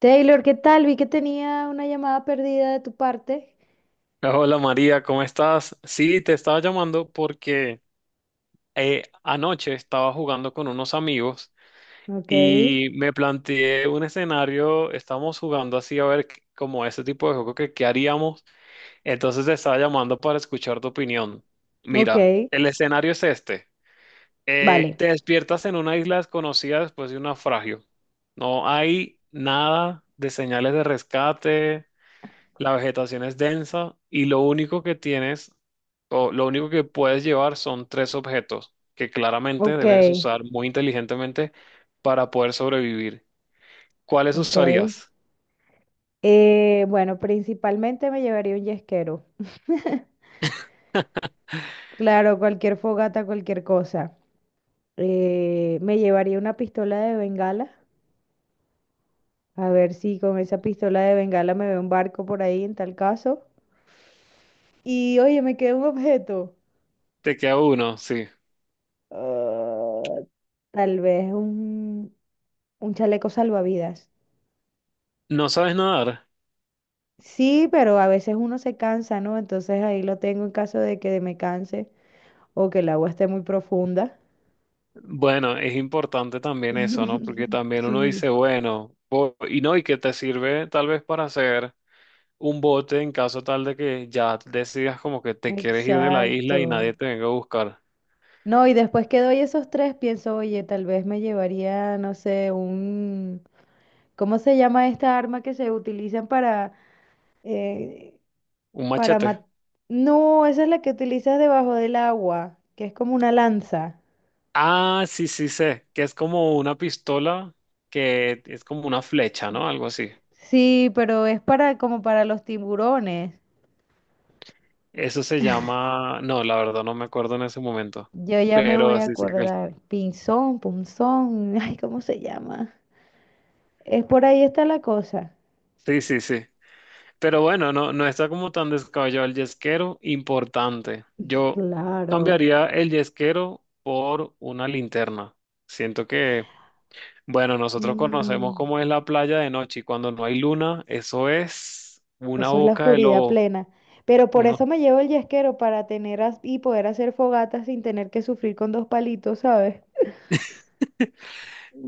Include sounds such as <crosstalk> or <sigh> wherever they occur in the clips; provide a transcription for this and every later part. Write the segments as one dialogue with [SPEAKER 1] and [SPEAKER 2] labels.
[SPEAKER 1] Taylor, ¿qué tal? Vi que tenía una llamada perdida de tu parte.
[SPEAKER 2] Hola María, ¿cómo estás? Sí, te estaba llamando porque anoche estaba jugando con unos amigos
[SPEAKER 1] Ok,
[SPEAKER 2] y me planteé un escenario, estábamos jugando así a ver como ese tipo de juego que qué haríamos, entonces te estaba llamando para escuchar tu opinión.
[SPEAKER 1] ok,
[SPEAKER 2] Mira, el escenario es este.
[SPEAKER 1] vale,
[SPEAKER 2] Te despiertas en una isla desconocida después de un naufragio. No hay nada de señales de rescate. La vegetación es densa y lo único que tienes o lo único que puedes llevar son tres objetos que claramente
[SPEAKER 1] ok,
[SPEAKER 2] debes usar muy inteligentemente para poder sobrevivir. ¿Cuáles
[SPEAKER 1] ok.
[SPEAKER 2] usarías?
[SPEAKER 1] Bueno, principalmente me llevaría un yesquero. <laughs> Claro, cualquier fogata, cualquier cosa. Me llevaría una pistola de bengala. A ver si con esa pistola de bengala me veo un barco por ahí en tal caso. Y oye, me queda un objeto.
[SPEAKER 2] Te queda uno, sí.
[SPEAKER 1] Ah, tal vez un chaleco salvavidas.
[SPEAKER 2] ¿No sabes nadar?
[SPEAKER 1] Sí, pero a veces uno se cansa, ¿no? Entonces ahí lo tengo en caso de que me canse o que el agua esté muy profunda.
[SPEAKER 2] Bueno, es importante también eso, ¿no? Porque
[SPEAKER 1] <laughs>
[SPEAKER 2] también uno dice,
[SPEAKER 1] Sí,
[SPEAKER 2] bueno, y no, y que te sirve tal vez para hacer un bote en caso tal de que ya decidas como que te quieres ir de la isla y
[SPEAKER 1] exacto.
[SPEAKER 2] nadie te venga a buscar.
[SPEAKER 1] No, y después que doy esos tres, pienso, oye, tal vez me llevaría, no sé, un... ¿Cómo se llama esta arma que se utilizan eh,
[SPEAKER 2] Un
[SPEAKER 1] para
[SPEAKER 2] machete.
[SPEAKER 1] matar... No, esa es la que utilizas debajo del agua, que es como una lanza.
[SPEAKER 2] Ah, sí, sí sé, que es como una pistola que es como una flecha, ¿no? Algo así.
[SPEAKER 1] Sí, pero es para como para los tiburones.
[SPEAKER 2] Eso se llama, no, la verdad no me acuerdo en ese momento,
[SPEAKER 1] Yo ya me voy
[SPEAKER 2] pero
[SPEAKER 1] a
[SPEAKER 2] sí sé que
[SPEAKER 1] acordar. Pinzón, punzón, <laughs> ay, ¿cómo se llama? Es por ahí está la cosa.
[SPEAKER 2] sí, sí, sí. Pero bueno, no, no está como tan descabellado el yesquero, importante. Yo
[SPEAKER 1] Claro.
[SPEAKER 2] cambiaría el yesquero por una linterna. Siento que, bueno, nosotros conocemos
[SPEAKER 1] Mm,
[SPEAKER 2] cómo es la playa de noche y cuando no hay luna, eso es una
[SPEAKER 1] eso es la
[SPEAKER 2] boca de
[SPEAKER 1] oscuridad
[SPEAKER 2] lobo.
[SPEAKER 1] plena. Pero por eso me llevo el yesquero para tener as- y poder hacer fogatas sin tener que sufrir con dos palitos, ¿sabes?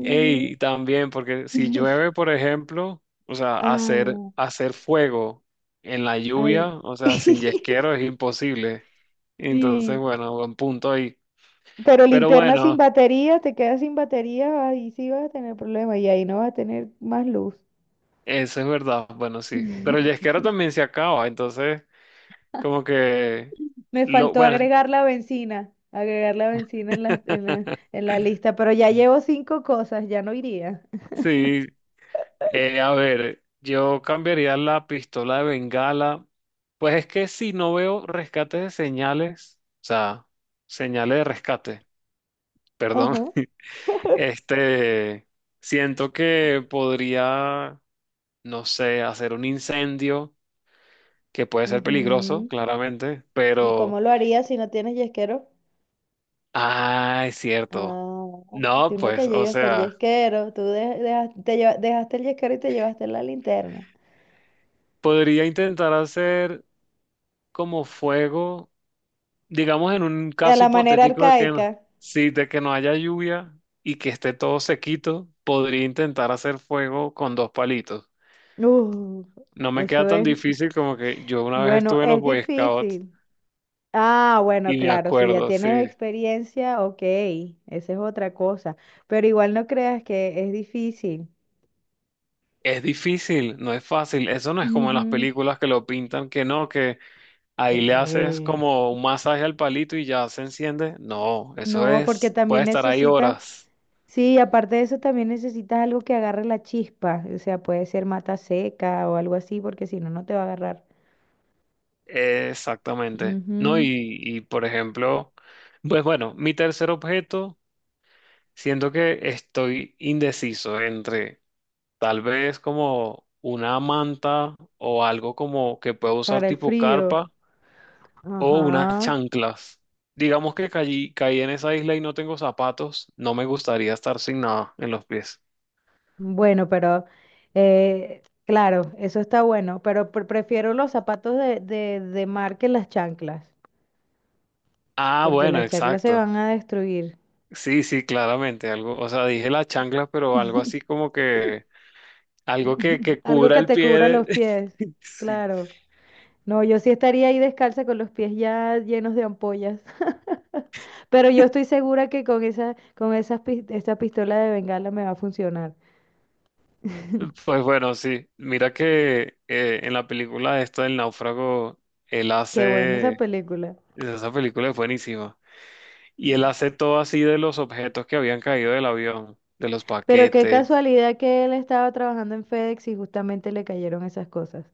[SPEAKER 2] Ey, también, porque si
[SPEAKER 1] <laughs>
[SPEAKER 2] llueve, por ejemplo, o sea,
[SPEAKER 1] Ah,
[SPEAKER 2] hacer fuego en la lluvia,
[SPEAKER 1] ay.
[SPEAKER 2] o sea, sin
[SPEAKER 1] <laughs>
[SPEAKER 2] yesquero es imposible. Entonces,
[SPEAKER 1] Y,
[SPEAKER 2] bueno, buen punto ahí.
[SPEAKER 1] pero
[SPEAKER 2] Pero
[SPEAKER 1] linterna sin
[SPEAKER 2] bueno,
[SPEAKER 1] batería, te quedas sin batería, ahí sí vas a tener problemas y ahí no vas a tener más luz.
[SPEAKER 2] eso es verdad, bueno, sí. Pero el
[SPEAKER 1] <laughs>
[SPEAKER 2] yesquero también se acaba, entonces, como que,
[SPEAKER 1] Me
[SPEAKER 2] lo,
[SPEAKER 1] faltó
[SPEAKER 2] bueno,
[SPEAKER 1] agregar la benzina en la, en la,
[SPEAKER 2] <laughs>
[SPEAKER 1] en la lista, pero ya llevo cinco cosas, ya no iría.
[SPEAKER 2] sí, a ver, yo cambiaría la pistola de Bengala. Pues es que si no veo rescate de señales, o sea, señales de rescate, perdón,
[SPEAKER 1] Ajá.
[SPEAKER 2] <laughs> este, siento que podría, no sé, hacer un incendio que puede ser peligroso,
[SPEAKER 1] Ujú.
[SPEAKER 2] claramente,
[SPEAKER 1] ¿Y cómo
[SPEAKER 2] pero,
[SPEAKER 1] lo harías si no tienes yesquero?
[SPEAKER 2] ah, es cierto.
[SPEAKER 1] Ah,
[SPEAKER 2] No,
[SPEAKER 1] tú no te
[SPEAKER 2] pues, o
[SPEAKER 1] llegas hasta el
[SPEAKER 2] sea,
[SPEAKER 1] yesquero, tú de- dejas- te lleva- dejaste el yesquero y te llevaste la linterna.
[SPEAKER 2] podría intentar hacer como fuego. Digamos en un
[SPEAKER 1] De
[SPEAKER 2] caso
[SPEAKER 1] la manera
[SPEAKER 2] hipotético de que,
[SPEAKER 1] arcaica.
[SPEAKER 2] sí, de que no haya lluvia y que esté todo sequito, podría intentar hacer fuego con dos palitos.
[SPEAKER 1] Uh,
[SPEAKER 2] No me queda
[SPEAKER 1] eso
[SPEAKER 2] tan
[SPEAKER 1] es,
[SPEAKER 2] difícil como que yo una vez
[SPEAKER 1] bueno,
[SPEAKER 2] estuve en los
[SPEAKER 1] es
[SPEAKER 2] Boy Scouts
[SPEAKER 1] difícil. Ah, bueno,
[SPEAKER 2] y me
[SPEAKER 1] claro, si ya
[SPEAKER 2] acuerdo,
[SPEAKER 1] tienes
[SPEAKER 2] sí.
[SPEAKER 1] experiencia, ok, esa es otra cosa, pero igual no creas que es difícil.
[SPEAKER 2] Es difícil, no es fácil. Eso no es como en las
[SPEAKER 1] Ujú.
[SPEAKER 2] películas que lo pintan, que no, que ahí le haces
[SPEAKER 1] Sí.
[SPEAKER 2] como un masaje al palito y ya se enciende. No, eso
[SPEAKER 1] No, porque
[SPEAKER 2] es,
[SPEAKER 1] también
[SPEAKER 2] puede estar ahí
[SPEAKER 1] necesitas,
[SPEAKER 2] horas.
[SPEAKER 1] sí, aparte de eso también necesitas algo que agarre la chispa, o sea, puede ser mata seca o algo así, porque si no, no te va a agarrar.
[SPEAKER 2] Exactamente. No,
[SPEAKER 1] Ujú,
[SPEAKER 2] y, por ejemplo, pues bueno, mi tercer objeto, siento que estoy indeciso entre tal vez como una manta o algo como que puedo usar
[SPEAKER 1] para el
[SPEAKER 2] tipo
[SPEAKER 1] frío.
[SPEAKER 2] carpa o unas
[SPEAKER 1] Ajá.
[SPEAKER 2] chanclas. Digamos que caí en esa isla y no tengo zapatos, no me gustaría estar sin nada en los pies.
[SPEAKER 1] Bueno, pero claro, eso está bueno, pero pre- prefiero los zapatos de, de mar que las chanclas.
[SPEAKER 2] Ah,
[SPEAKER 1] Porque
[SPEAKER 2] bueno,
[SPEAKER 1] las chaclas se
[SPEAKER 2] exacto.
[SPEAKER 1] van a destruir.
[SPEAKER 2] Sí, sí, claramente, algo, o sea, dije las chanclas, pero algo así como que algo
[SPEAKER 1] <laughs>
[SPEAKER 2] que
[SPEAKER 1] Algo
[SPEAKER 2] cubra
[SPEAKER 1] que
[SPEAKER 2] el
[SPEAKER 1] te cubra los pies,
[SPEAKER 2] <laughs> Sí.
[SPEAKER 1] claro. No, yo sí estaría ahí descalza con los pies ya llenos de ampollas, <laughs> pero yo estoy segura que con esa, con esas, pis- esa pistola de bengala me va a funcionar.
[SPEAKER 2] Pues bueno, sí. Mira que en la película esto del náufrago, él
[SPEAKER 1] Qué buena esa
[SPEAKER 2] hace...
[SPEAKER 1] película.
[SPEAKER 2] Esa película es buenísima. Y él hace todo así de los objetos que habían caído del avión, de los
[SPEAKER 1] Pero qué
[SPEAKER 2] paquetes.
[SPEAKER 1] casualidad que él estaba trabajando en FedEx y justamente le cayeron esas cosas.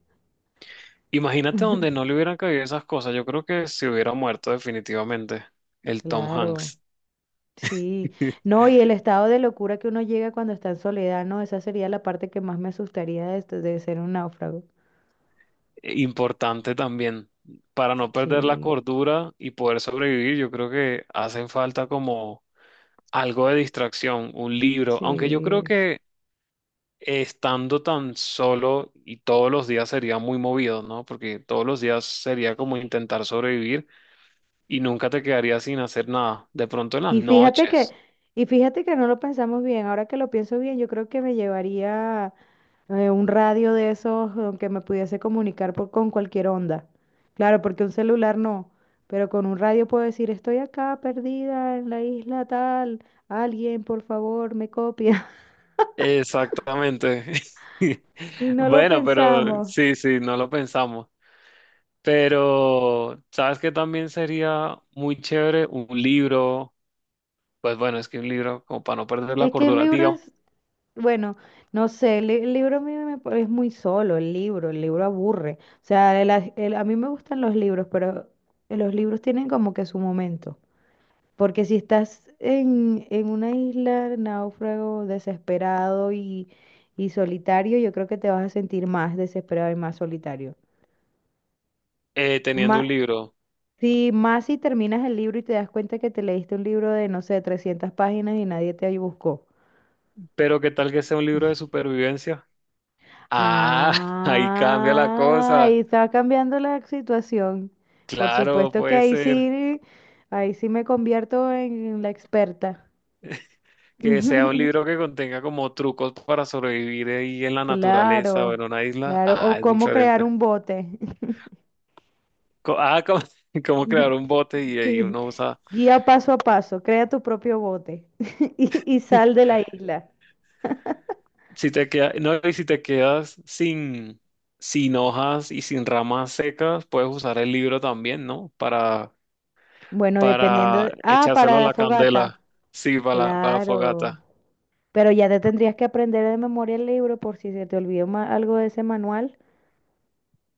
[SPEAKER 2] Imagínate donde no
[SPEAKER 1] <laughs>
[SPEAKER 2] le hubieran caído esas cosas. Yo creo que se hubiera muerto definitivamente el Tom
[SPEAKER 1] Claro,
[SPEAKER 2] Hanks.
[SPEAKER 1] sí.
[SPEAKER 2] <laughs>
[SPEAKER 1] No, y el estado de locura que uno llega cuando está en soledad, no, esa sería la parte que más me asustaría de ser un náufrago.
[SPEAKER 2] Importante también. Para no perder la
[SPEAKER 1] Sí,
[SPEAKER 2] cordura y poder sobrevivir, yo creo que hacen falta como algo de distracción, un libro, aunque yo
[SPEAKER 1] sí.
[SPEAKER 2] creo
[SPEAKER 1] Sí.
[SPEAKER 2] que estando tan solo y todos los días sería muy movido, ¿no? Porque todos los días sería como intentar sobrevivir y nunca te quedarías sin hacer nada. De pronto en las
[SPEAKER 1] Y fíjate que,
[SPEAKER 2] noches.
[SPEAKER 1] y fíjate que no lo pensamos bien. Ahora que lo pienso bien, yo creo que me llevaría un radio de esos que me pudiese comunicar por, con cualquier onda. Claro, porque un celular no, pero con un radio puedo decir, estoy acá perdida en la isla tal, alguien por favor me copia. <laughs>
[SPEAKER 2] Exactamente. <laughs>
[SPEAKER 1] Y no lo
[SPEAKER 2] Bueno, pero
[SPEAKER 1] pensamos.
[SPEAKER 2] sí, sí, no lo pensamos. Pero, ¿sabes qué también sería muy chévere? Un libro, pues bueno, es que un libro, como para no perder la
[SPEAKER 1] Es que un
[SPEAKER 2] cordura,
[SPEAKER 1] libro
[SPEAKER 2] digamos,
[SPEAKER 1] es, bueno, no sé, el, li- el libro a mí me, pa- es muy solo, el libro aburre. O sea, el as- el- a mí me gustan los libros, pero los libros tienen como que su momento. Porque si estás en una isla, náufrago, desesperado y solitario, yo creo que te vas a sentir más desesperado y más solitario.
[SPEAKER 2] teniendo
[SPEAKER 1] Más,
[SPEAKER 2] un libro.
[SPEAKER 1] si, más si terminas el libro y te das cuenta que te leíste un libro de, no sé, 300 páginas y nadie te buscó.
[SPEAKER 2] Pero qué tal que sea un libro de supervivencia. Ah, <laughs> ahí cambia la
[SPEAKER 1] Ah,
[SPEAKER 2] cosa.
[SPEAKER 1] ahí está cambiando la situación. Por
[SPEAKER 2] Claro,
[SPEAKER 1] supuesto que
[SPEAKER 2] puede ser
[SPEAKER 1] ahí sí me convierto en la experta.
[SPEAKER 2] que sea un libro
[SPEAKER 1] <laughs>
[SPEAKER 2] que contenga como trucos para sobrevivir ahí en la naturaleza o
[SPEAKER 1] Claro,
[SPEAKER 2] en una isla.
[SPEAKER 1] claro.
[SPEAKER 2] Ah,
[SPEAKER 1] O
[SPEAKER 2] es
[SPEAKER 1] cómo crear
[SPEAKER 2] diferente.
[SPEAKER 1] un bote.
[SPEAKER 2] Ah, como, <laughs> como crear un
[SPEAKER 1] <laughs>
[SPEAKER 2] bote y ahí
[SPEAKER 1] Sí.
[SPEAKER 2] uno usa.
[SPEAKER 1] Guía paso a paso, crea tu propio bote <laughs> y sal de la isla.
[SPEAKER 2] Si te queda, no, y si te quedas sin, sin hojas y sin ramas secas, puedes usar el libro también, ¿no?
[SPEAKER 1] Bueno, dependiendo
[SPEAKER 2] Para
[SPEAKER 1] de- Ah,
[SPEAKER 2] echárselo
[SPEAKER 1] para
[SPEAKER 2] a
[SPEAKER 1] la
[SPEAKER 2] la candela.
[SPEAKER 1] fogata.
[SPEAKER 2] Sí, para para la
[SPEAKER 1] Claro.
[SPEAKER 2] fogata.
[SPEAKER 1] Pero ya te tendrías que aprender de memoria el libro por si se te olvidó ma- algo de ese manual.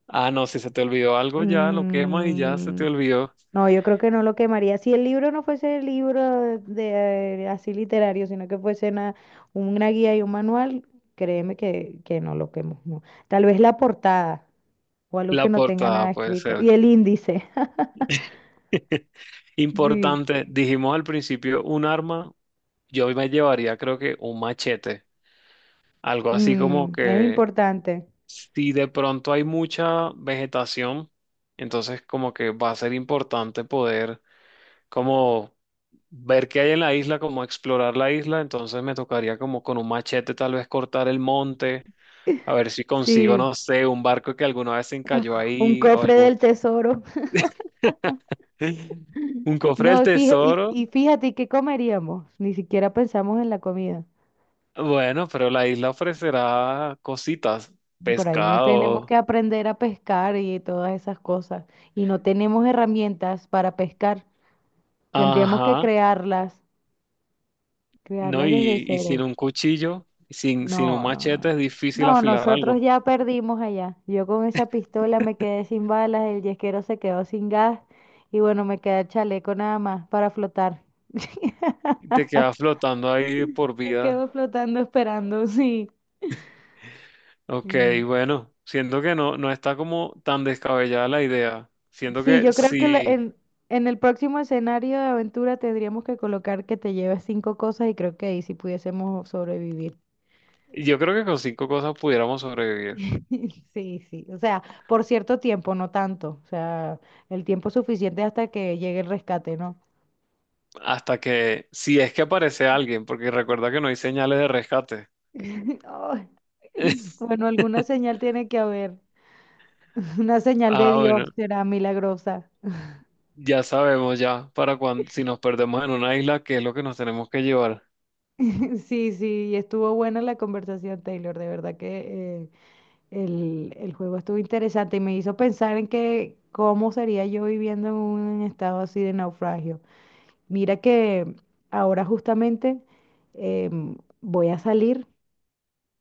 [SPEAKER 2] Ah, no, si se te olvidó algo ya lo quemas y ya se te
[SPEAKER 1] Mm,
[SPEAKER 2] olvidó
[SPEAKER 1] no, yo creo que no lo quemaría. Si el libro no fuese el libro de así literario, sino que fuese una guía y un manual, créeme que no lo quemo. No. Tal vez la portada o algo que
[SPEAKER 2] la
[SPEAKER 1] no tenga
[SPEAKER 2] portada,
[SPEAKER 1] nada
[SPEAKER 2] puede
[SPEAKER 1] escrito.
[SPEAKER 2] ser.
[SPEAKER 1] Y el índice. <laughs>
[SPEAKER 2] <laughs>
[SPEAKER 1] Sí,
[SPEAKER 2] Importante, dijimos al principio un arma, yo me llevaría creo que un machete, algo así como
[SPEAKER 1] mm, es
[SPEAKER 2] que
[SPEAKER 1] importante.
[SPEAKER 2] si de pronto hay mucha vegetación, entonces como que va a ser importante poder como ver qué hay en la isla, como explorar la isla, entonces me tocaría como con un machete tal vez cortar el monte. A ver si consigo,
[SPEAKER 1] Sí,
[SPEAKER 2] no sé, un barco que alguna vez se encalló
[SPEAKER 1] un
[SPEAKER 2] ahí o
[SPEAKER 1] cofre
[SPEAKER 2] algún...
[SPEAKER 1] del tesoro. <laughs>
[SPEAKER 2] <laughs> Un cofre
[SPEAKER 1] No,
[SPEAKER 2] del
[SPEAKER 1] y fija- y,
[SPEAKER 2] tesoro.
[SPEAKER 1] y fíjate, ¿qué comeríamos? Ni siquiera pensamos en la comida.
[SPEAKER 2] Bueno, pero la isla ofrecerá cositas,
[SPEAKER 1] Por ahí nos tenemos
[SPEAKER 2] pescado.
[SPEAKER 1] que aprender a pescar y todas esas cosas. Y no tenemos herramientas para pescar. Tendríamos que
[SPEAKER 2] Ajá.
[SPEAKER 1] crearlas,
[SPEAKER 2] No,
[SPEAKER 1] crearlas desde
[SPEAKER 2] y sin
[SPEAKER 1] cero.
[SPEAKER 2] un cuchillo, sin un
[SPEAKER 1] No, no,
[SPEAKER 2] machete
[SPEAKER 1] no.
[SPEAKER 2] es difícil
[SPEAKER 1] No,
[SPEAKER 2] afilar algo.
[SPEAKER 1] nosotros ya perdimos allá. Yo con esa pistola me quedé sin balas, el yesquero se quedó sin gas y bueno, me queda el chaleco nada más para flotar. <laughs>
[SPEAKER 2] Te quedas flotando ahí de por
[SPEAKER 1] Me
[SPEAKER 2] vida.
[SPEAKER 1] quedo flotando esperando, sí.
[SPEAKER 2] Ok, bueno, siento que no, no está como tan descabellada la idea. Siento
[SPEAKER 1] Sí,
[SPEAKER 2] que
[SPEAKER 1] yo creo que la-
[SPEAKER 2] sí,
[SPEAKER 1] en el próximo escenario de aventura tendríamos que colocar que te lleves cinco cosas y creo que ahí sí pudiésemos sobrevivir.
[SPEAKER 2] yo creo que con cinco cosas pudiéramos sobrevivir.
[SPEAKER 1] <laughs> Sí, sí, o sea, por cierto tiempo, no tanto, o sea, el tiempo suficiente hasta que llegue el rescate, ¿no?
[SPEAKER 2] Hasta que, si es que aparece alguien, porque recuerda que no hay señales de rescate.
[SPEAKER 1] <laughs> Ay, bueno,
[SPEAKER 2] <laughs>
[SPEAKER 1] alguna señal tiene que haber, <laughs> una señal de
[SPEAKER 2] Ah,
[SPEAKER 1] Dios
[SPEAKER 2] bueno,
[SPEAKER 1] será milagrosa.
[SPEAKER 2] ya sabemos ya para cuando, si nos perdemos en una isla, qué es lo que nos tenemos que llevar.
[SPEAKER 1] <laughs> Sí, sí, estuvo buena la conversación, Taylor, de verdad que el juego estuvo interesante y me hizo pensar en que cómo sería yo viviendo en un estado así de naufragio. Mira que ahora justamente voy a salir,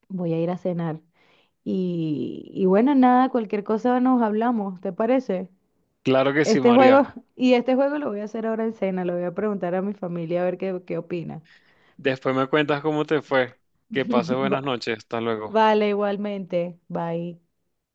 [SPEAKER 1] voy a ir a cenar. Y bueno, nada, cualquier cosa nos hablamos, ¿te parece?
[SPEAKER 2] Claro que sí,
[SPEAKER 1] Este juego,
[SPEAKER 2] María.
[SPEAKER 1] <laughs> y este juego lo voy a hacer ahora en cena, lo voy a preguntar a mi familia a ver qué, qué opina.
[SPEAKER 2] Después me cuentas cómo te fue. Que pases
[SPEAKER 1] <laughs> Va-
[SPEAKER 2] buenas noches. Hasta luego.
[SPEAKER 1] Vale, igualmente. Bye.